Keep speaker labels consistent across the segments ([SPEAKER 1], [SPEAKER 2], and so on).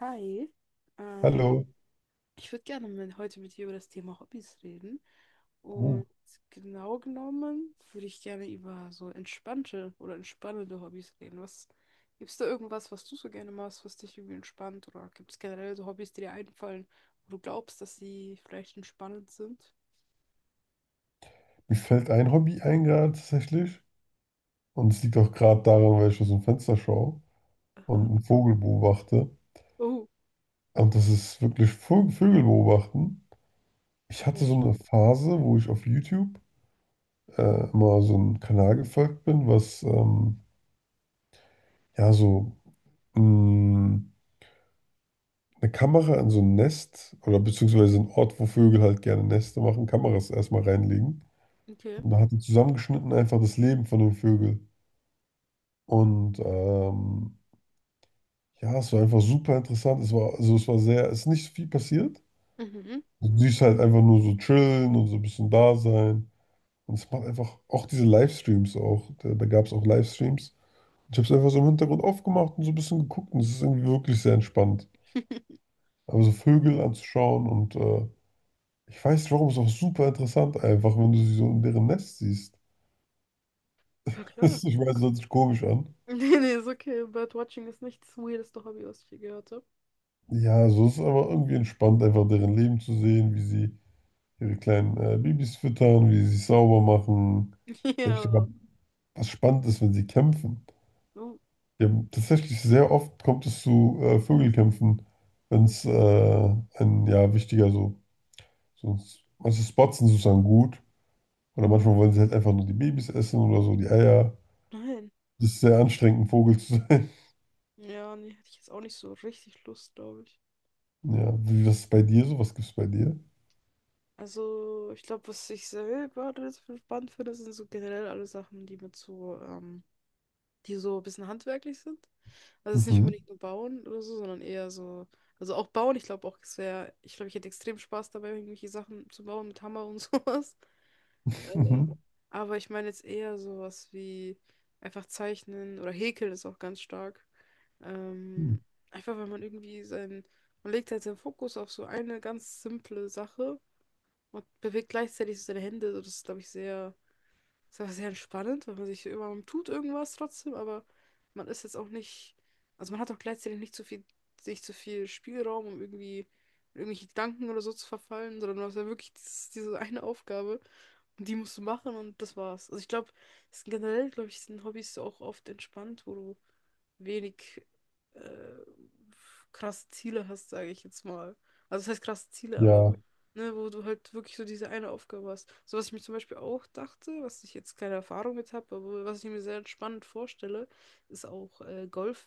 [SPEAKER 1] Hi, ähm,
[SPEAKER 2] Hallo.
[SPEAKER 1] ich würde gerne heute mit dir über das Thema Hobbys reden.
[SPEAKER 2] Uh,
[SPEAKER 1] Und genau genommen würde ich gerne über so entspannte oder entspannende Hobbys reden. Gibt es da irgendwas, was du so gerne machst, was dich irgendwie entspannt? Oder gibt es generell so Hobbys, die dir einfallen, wo du glaubst, dass sie vielleicht entspannend sind?
[SPEAKER 2] Mir fällt ein Hobby ein gerade tatsächlich. Und es liegt auch gerade daran, weil ich aus dem Fenster schaue und
[SPEAKER 1] Aha.
[SPEAKER 2] einen Vogel beobachte.
[SPEAKER 1] Oh,
[SPEAKER 2] Und das ist wirklich Vögel beobachten. Ich hatte so
[SPEAKER 1] Mensch.
[SPEAKER 2] eine Phase, wo ich auf YouTube immer so einem Kanal gefolgt bin, was ja so mh, eine Kamera in so ein Nest oder beziehungsweise einen Ort, wo Vögel halt gerne Nester machen, Kameras erstmal reinlegen.
[SPEAKER 1] Okay.
[SPEAKER 2] Und da hat er zusammengeschnitten einfach das Leben von den Vögeln. Und ja, es war einfach super interessant. Es war, also es war sehr, es ist nicht viel passiert.
[SPEAKER 1] Mhm.
[SPEAKER 2] Du siehst halt einfach nur so chillen und so ein bisschen da sein. Und es macht einfach auch diese Livestreams auch. Da gab es auch Livestreams. Ich habe es einfach so im Hintergrund aufgemacht und so ein bisschen geguckt und es ist irgendwie wirklich sehr entspannt. Aber so Vögel anzuschauen und ich weiß nicht warum, es ist auch super interessant einfach, wenn du sie so in deren Nest siehst.
[SPEAKER 1] Ja, klar.
[SPEAKER 2] Ich weiß, das hört sich komisch an.
[SPEAKER 1] Nee, nee, ist okay. Birdwatching ist nicht das weirdeste Hobby, was ich je gehört habe.
[SPEAKER 2] Ja, so ist es aber irgendwie entspannt, einfach deren Leben zu sehen, wie sie ihre kleinen Babys füttern, wie sie sich sauber machen. Vielleicht sogar
[SPEAKER 1] Ja.
[SPEAKER 2] was Spannendes, wenn sie kämpfen.
[SPEAKER 1] Oh,
[SPEAKER 2] Die haben tatsächlich sehr oft kommt es zu Vögelkämpfen, wenn es
[SPEAKER 1] okay.
[SPEAKER 2] ein ja wichtiger so, so manche Spots sind sozusagen gut. Oder manchmal wollen sie halt einfach nur die Babys essen oder so, die Eier.
[SPEAKER 1] Nein.
[SPEAKER 2] Das ist sehr anstrengend, ein Vogel zu sein.
[SPEAKER 1] Ja, nee, hätte ich jetzt auch nicht so richtig Lust, glaube ich.
[SPEAKER 2] Ja, wie, was ist bei dir so? Was gibt's bei dir?
[SPEAKER 1] Also, ich glaube, was ich selber das spannend finde, sind so generell alle Sachen, die mit so, die so ein bisschen handwerklich sind. Also es ist nicht
[SPEAKER 2] Mhm.
[SPEAKER 1] unbedingt nur Bauen oder so, sondern eher so, also auch Bauen, ich glaube auch, ich glaube, ich hätte extrem Spaß dabei, irgendwelche Sachen zu bauen mit Hammer und sowas. Äh, aber ich meine jetzt eher sowas wie einfach zeichnen oder häkeln ist auch ganz stark.
[SPEAKER 2] Mhm.
[SPEAKER 1] Ähm, Einfach weil man irgendwie man legt halt seinen Fokus auf so eine ganz simple Sache und bewegt gleichzeitig so seine Hände. So, das ist, glaube ich, sehr, ist aber sehr entspannend, weil man sich immer, man tut irgendwas trotzdem, aber man ist jetzt auch nicht, also man hat auch gleichzeitig nicht zu viel, nicht zu viel Spielraum, um irgendwie in irgendwelche Gedanken oder so zu verfallen, sondern du hast ja wirklich diese eine Aufgabe und die musst du machen und das war's. Also ich glaube, es sind generell, glaube ich, sind Hobbys auch oft entspannt, wo du wenig äh, krasse Ziele hast, sage ich jetzt mal. Also das heißt krasse Ziele, aber
[SPEAKER 2] Ja,
[SPEAKER 1] ne, wo du halt wirklich so diese eine Aufgabe hast. So, was ich mir zum Beispiel auch dachte, was ich jetzt keine Erfahrung mit habe, aber was ich mir sehr spannend vorstelle, ist auch Golf.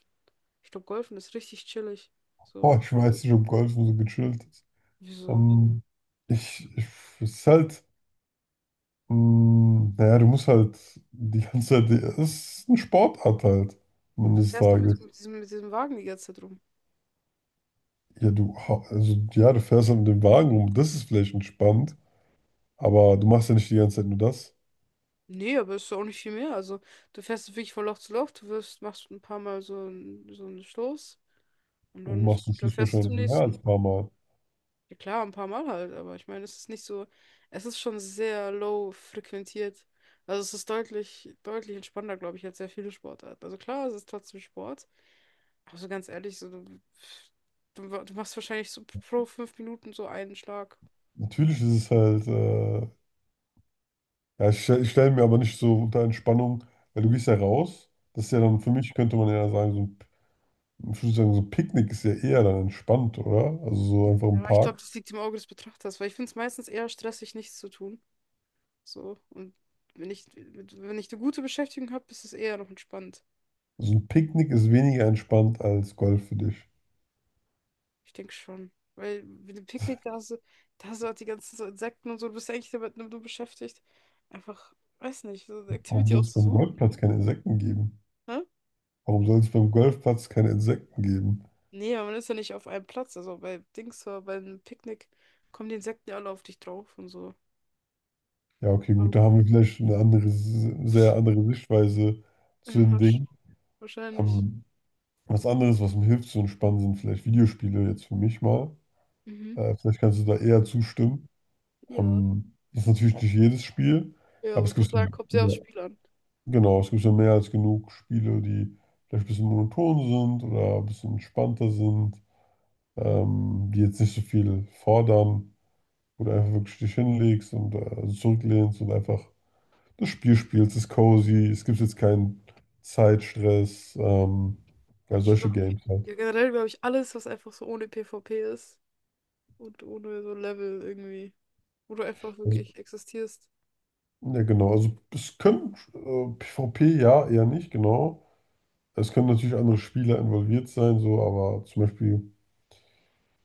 [SPEAKER 1] Ich glaube, Golfen ist richtig chillig.
[SPEAKER 2] oh,
[SPEAKER 1] So,
[SPEAKER 2] ich weiß nicht, ob Golfen so gechillt ist.
[SPEAKER 1] wieso?
[SPEAKER 2] Ähm, ich, es ist halt. Mm, naja, du musst halt die ganze Zeit, es ist eine Sportart halt, am
[SPEAKER 1] Und
[SPEAKER 2] Ende
[SPEAKER 1] du
[SPEAKER 2] des
[SPEAKER 1] fährst doch
[SPEAKER 2] Tages.
[SPEAKER 1] mit diesem Wagen die ganze Zeit rum.
[SPEAKER 2] Ja, du, also, ja, du fährst halt mit dem Wagen rum, das ist vielleicht entspannt, aber du machst ja nicht die ganze Zeit nur das.
[SPEAKER 1] Nee, aber ist doch auch nicht viel mehr. Also, du fährst wirklich von Loch zu Loch, du wirfst, machst ein paar Mal so, so einen Stoß und
[SPEAKER 2] Und du
[SPEAKER 1] dann ist
[SPEAKER 2] machst
[SPEAKER 1] gut,
[SPEAKER 2] zum
[SPEAKER 1] dann
[SPEAKER 2] Schluss
[SPEAKER 1] fährst du
[SPEAKER 2] wahrscheinlich
[SPEAKER 1] zum
[SPEAKER 2] mehr als
[SPEAKER 1] nächsten.
[SPEAKER 2] ein paar Mal.
[SPEAKER 1] Ja klar, ein paar Mal halt, aber ich meine, es ist nicht so, es ist schon sehr low frequentiert. Also es ist deutlich, deutlich entspannter, glaube ich, als sehr viele Sportarten. Also klar, es ist trotzdem Sport, aber so ganz ehrlich, so, du machst wahrscheinlich so pro 5 Minuten so einen Schlag.
[SPEAKER 2] Natürlich ist es halt, ja, ich, ich stelle mir aber nicht so unter Entspannung, weil du gehst ja raus. Das ist ja dann,
[SPEAKER 1] Mhm.
[SPEAKER 2] für mich könnte man ja sagen, so ein, ich würde sagen, so ein Picknick ist ja eher dann entspannt, oder? Also so einfach
[SPEAKER 1] Ja,
[SPEAKER 2] im
[SPEAKER 1] aber ich glaube,
[SPEAKER 2] Park.
[SPEAKER 1] das liegt im Auge des Betrachters, weil ich finde es meistens eher stressig, nichts zu tun. So, und wenn ich eine gute Beschäftigung habe, ist es eher noch entspannt.
[SPEAKER 2] So ein Picknick ist weniger entspannt als Golf für dich.
[SPEAKER 1] Ich denke schon. Weil mit dem Picknick, da hast du halt die ganzen so Insekten und so, du bist ja eigentlich damit nur beschäftigt. Einfach, weiß nicht, so eine
[SPEAKER 2] Warum
[SPEAKER 1] Activity
[SPEAKER 2] soll es beim
[SPEAKER 1] auszusuchen.
[SPEAKER 2] Golfplatz keine Insekten geben?
[SPEAKER 1] Hä?
[SPEAKER 2] Warum soll es beim Golfplatz keine Insekten geben?
[SPEAKER 1] Nee, aber man ist ja nicht auf einem Platz. Also bei Dings, beim Picknick kommen die Insekten ja alle auf dich drauf und so.
[SPEAKER 2] Ja, okay, gut, da haben wir vielleicht eine andere, sehr andere Sichtweise
[SPEAKER 1] Ja,
[SPEAKER 2] zu den Dingen.
[SPEAKER 1] wahrscheinlich.
[SPEAKER 2] Ähm, was anderes, was mir hilft zu entspannen, sind vielleicht Videospiele jetzt für mich mal.
[SPEAKER 1] Mhm.
[SPEAKER 2] Vielleicht kannst du da eher zustimmen.
[SPEAKER 1] Ja.
[SPEAKER 2] Das ist natürlich nicht jedes Spiel,
[SPEAKER 1] Ja,
[SPEAKER 2] aber
[SPEAKER 1] aber
[SPEAKER 2] es
[SPEAKER 1] kann
[SPEAKER 2] gibt ja,
[SPEAKER 1] sagen, kommt sehr aufs Spiel an.
[SPEAKER 2] genau, es gibt ja mehr als genug Spiele, die vielleicht ein bisschen monoton sind oder ein bisschen entspannter sind, die jetzt nicht so viel fordern, wo du einfach wirklich dich hinlegst und zurücklehnst und einfach das Spiel spielst. Es ist cozy, es gibt jetzt keinen Zeitstress, ja,
[SPEAKER 1] Und ich finde
[SPEAKER 2] solche
[SPEAKER 1] auch,
[SPEAKER 2] Games halt.
[SPEAKER 1] ja, generell glaube ich, alles, was einfach so ohne PvP ist und ohne so Level irgendwie, wo du einfach
[SPEAKER 2] Also,
[SPEAKER 1] wirklich existierst.
[SPEAKER 2] ja, genau. Also, es können PvP, ja, eher nicht, genau. Es können natürlich andere Spieler involviert sein, so, aber zum Beispiel,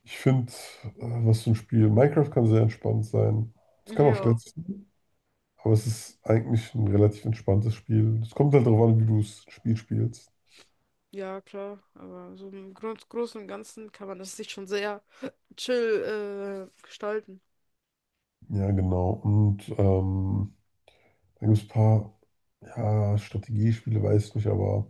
[SPEAKER 2] ich finde, was für ein Spiel, Minecraft kann sehr entspannt sein. Es kann auch
[SPEAKER 1] Ja.
[SPEAKER 2] stressig sein, aber es ist eigentlich ein relativ entspanntes Spiel. Es kommt halt darauf an, wie du das Spiel spielst.
[SPEAKER 1] Ja, klar, aber so im Grund, Großen und Ganzen kann man das sich schon sehr chill gestalten.
[SPEAKER 2] Ja, genau. Und da gibt es ein paar, ja, Strategiespiele, weiß ich nicht, aber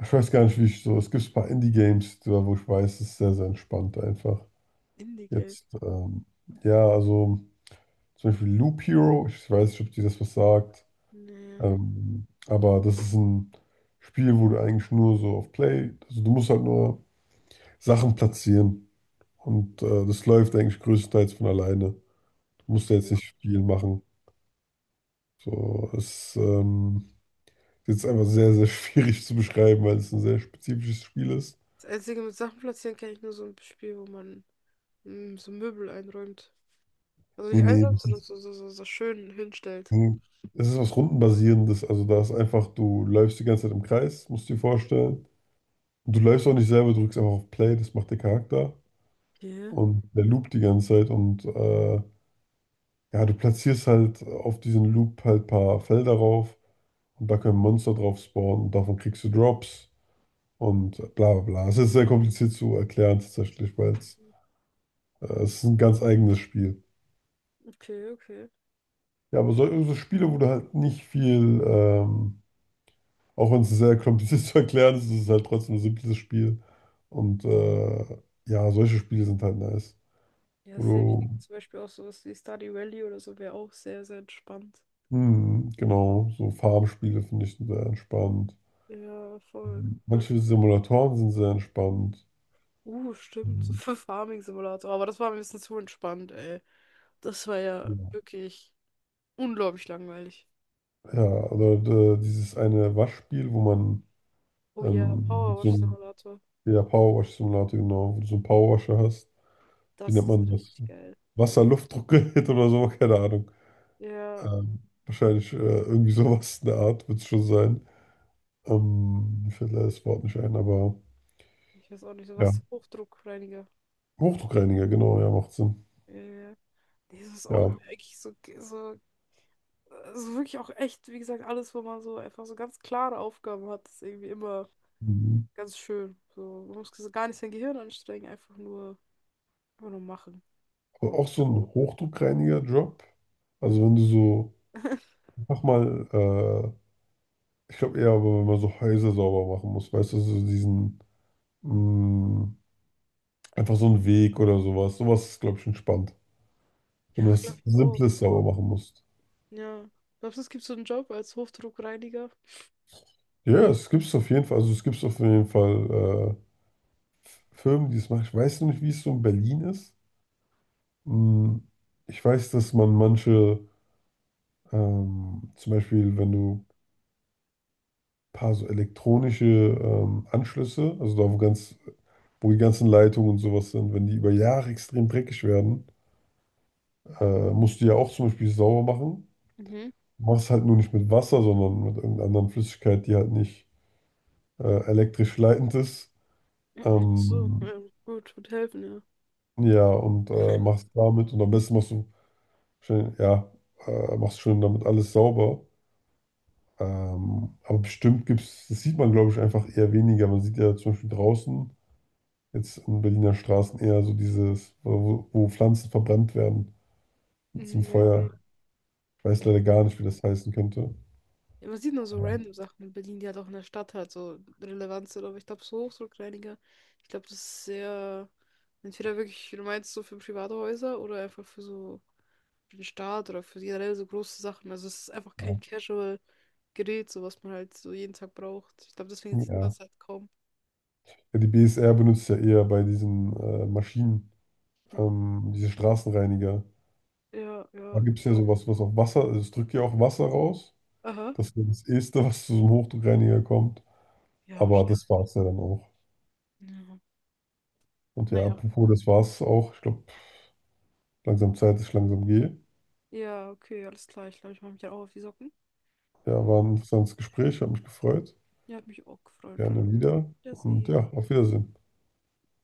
[SPEAKER 2] ich weiß gar nicht, wie ich so. Es gibt ein paar Indie-Games, da wo ich weiß, es ist sehr, sehr entspannt einfach.
[SPEAKER 1] Indie-Game.
[SPEAKER 2] Jetzt, ja, also zum Beispiel Loop Hero, ich weiß nicht, ob dir das was sagt,
[SPEAKER 1] Nee.
[SPEAKER 2] aber das ist ein Spiel, wo du eigentlich nur so auf Play, also du musst halt nur Sachen platzieren und das läuft eigentlich größtenteils von alleine. Du musst da jetzt
[SPEAKER 1] Okay.
[SPEAKER 2] nicht viel machen. So, es das ist einfach sehr, sehr schwierig zu beschreiben, weil es ein sehr spezifisches Spiel ist.
[SPEAKER 1] Das Einzige mit Sachen platzieren kann ich nur so ein Spiel, wo man so Möbel einräumt. Also
[SPEAKER 2] Nee,
[SPEAKER 1] nicht
[SPEAKER 2] nee,
[SPEAKER 1] einräumt,
[SPEAKER 2] das
[SPEAKER 1] sondern
[SPEAKER 2] ist,
[SPEAKER 1] so schön hinstellt.
[SPEAKER 2] das ist was Rundenbasierendes. Also da ist einfach, du läufst die ganze Zeit im Kreis, musst du dir vorstellen. Und du läufst auch nicht selber, drückst einfach auf Play, das macht der Charakter.
[SPEAKER 1] Okay.
[SPEAKER 2] Und der loopt die ganze Zeit und ja, du platzierst halt auf diesen Loop halt ein paar Felder rauf und da können Monster drauf spawnen und davon kriegst du Drops und bla bla bla. Es ist sehr kompliziert zu erklären tatsächlich, weil es
[SPEAKER 1] Mhm.
[SPEAKER 2] es ist ein ganz eigenes Spiel.
[SPEAKER 1] Okay, okay.
[SPEAKER 2] Ja, aber so, so Spiele, wo du halt nicht viel, auch wenn es sehr kompliziert zu erklären ist, ist es halt trotzdem ein simples Spiel. Und ja, solche Spiele sind halt nice.
[SPEAKER 1] Ja,
[SPEAKER 2] Wo
[SPEAKER 1] safe
[SPEAKER 2] du,
[SPEAKER 1] liegt zum Beispiel auch sowas wie Stardew Valley oder so wäre auch sehr, sehr entspannt.
[SPEAKER 2] hm, genau, so Farmspiele finde ich sehr entspannt.
[SPEAKER 1] Ja, voll.
[SPEAKER 2] Manche Simulatoren sind sehr entspannt. Ja,
[SPEAKER 1] Stimmt. Für Farming Simulator. Aber das war ein bisschen zu entspannt, ey. Das war ja wirklich. Unglaublich langweilig.
[SPEAKER 2] ja oder dieses eine Waschspiel, wo man
[SPEAKER 1] Oh ja,
[SPEAKER 2] so ein,
[SPEAKER 1] Powerwash-Simulator.
[SPEAKER 2] ja, Powerwash-Simulator, genau, wo du so einen Powerwasher hast. Wie
[SPEAKER 1] Das
[SPEAKER 2] nennt
[SPEAKER 1] ist
[SPEAKER 2] man das?
[SPEAKER 1] richtig geil.
[SPEAKER 2] Wasser-Luftdruckgerät oder so, keine Ahnung.
[SPEAKER 1] Ja,
[SPEAKER 2] Wahrscheinlich irgendwie sowas in der Art wird es schon sein. Mir fällt leider das Wort nicht ein, aber
[SPEAKER 1] ich weiß auch nicht, so
[SPEAKER 2] ja.
[SPEAKER 1] was Hochdruckreiniger.
[SPEAKER 2] Hochdruckreiniger, genau, ja, macht Sinn.
[SPEAKER 1] Äh, Nee, das ist auch
[SPEAKER 2] Ja.
[SPEAKER 1] geil, eigentlich so, also wirklich auch echt, wie gesagt, alles, wo man so einfach so ganz klare Aufgaben hat, ist irgendwie immer
[SPEAKER 2] Mhm.
[SPEAKER 1] ganz schön. So, man muss so gar nicht sein Gehirn anstrengen, einfach nur machen.
[SPEAKER 2] Aber
[SPEAKER 1] So.
[SPEAKER 2] auch so ein Hochdruckreiniger-Job. Also wenn du so, mach mal, ich glaube eher, aber wenn man so Häuser sauber machen muss, weißt du, so diesen, mh, einfach so einen Weg oder sowas. Sowas ist, glaube ich, entspannt. Wenn
[SPEAKER 1] Ja,
[SPEAKER 2] du was
[SPEAKER 1] glaube ich auch.
[SPEAKER 2] Simples sauber machen musst.
[SPEAKER 1] Ja. Glaubst du, es gibt so einen Job als Hochdruckreiniger?
[SPEAKER 2] Ja, es gibt es auf jeden Fall, also es gibt es auf jeden Fall. Firmen, die es machen. Ich weiß noch nicht, wie es so in Berlin ist. Hm, ich weiß, dass man manche, zum Beispiel, wenn du ein paar so elektronische Anschlüsse, also da wo ganz, wo die ganzen Leitungen und sowas sind, wenn die über Jahre extrem dreckig werden, musst du ja auch zum Beispiel sauber machen.
[SPEAKER 1] Mhm.
[SPEAKER 2] Machst halt nur nicht mit Wasser, sondern mit irgendeiner anderen Flüssigkeit, die halt nicht elektrisch leitend ist.
[SPEAKER 1] Mhm. So,
[SPEAKER 2] Ähm,
[SPEAKER 1] gut, wird helfen, ja.
[SPEAKER 2] ja, und machst damit und am besten machst du schön, ja, machst schon damit alles sauber. Aber bestimmt gibt es, das sieht man, glaube ich, einfach eher weniger. Man sieht ja zum Beispiel draußen, jetzt in Berliner Straßen eher so dieses, wo Pflanzen verbrannt werden mit diesem
[SPEAKER 1] Mhm, ja.
[SPEAKER 2] Feuer. Ich weiß
[SPEAKER 1] Ich.
[SPEAKER 2] leider gar nicht, wie das heißen könnte.
[SPEAKER 1] Ja, man sieht nur so
[SPEAKER 2] Ja,
[SPEAKER 1] random Sachen in Berlin, die halt auch in der Stadt halt so relevant sind, aber ich glaube, so Hochdruckreiniger, ich glaube, das ist sehr, entweder wirklich, wie du meinst, so für private Häuser oder einfach für so für den Staat oder für generell so große Sachen. Also es ist einfach kein
[SPEAKER 2] ja.
[SPEAKER 1] Casual-Gerät, so was man halt so jeden Tag braucht. Ich glaube, deswegen sieht man
[SPEAKER 2] Ja,
[SPEAKER 1] es halt kaum.
[SPEAKER 2] ja, die BSR benutzt ja eher bei diesen Maschinen, diese Straßenreiniger.
[SPEAKER 1] Ja,
[SPEAKER 2] Da
[SPEAKER 1] ja,
[SPEAKER 2] gibt es ja
[SPEAKER 1] genau.
[SPEAKER 2] sowas, was auf Wasser, also es drückt ja auch Wasser raus.
[SPEAKER 1] Aha.
[SPEAKER 2] Das ist das Erste, was zu so einem Hochdruckreiniger kommt.
[SPEAKER 1] Ja,
[SPEAKER 2] Aber
[SPEAKER 1] wahrscheinlich.
[SPEAKER 2] das war es ja dann auch.
[SPEAKER 1] Ja.
[SPEAKER 2] Und ja,
[SPEAKER 1] Naja.
[SPEAKER 2] apropos, das war's auch. Ich glaube, langsam Zeit, dass ich langsam gehe.
[SPEAKER 1] Ja, okay, alles klar. Ich glaube, ich mache mich dann auch auf die Socken.
[SPEAKER 2] Ja, war ein interessantes Gespräch, hat mich gefreut.
[SPEAKER 1] Ja, hat mich auch gefreut. Dann.
[SPEAKER 2] Gerne wieder. Und
[SPEAKER 1] Wiedersehen.
[SPEAKER 2] ja, auf Wiedersehen.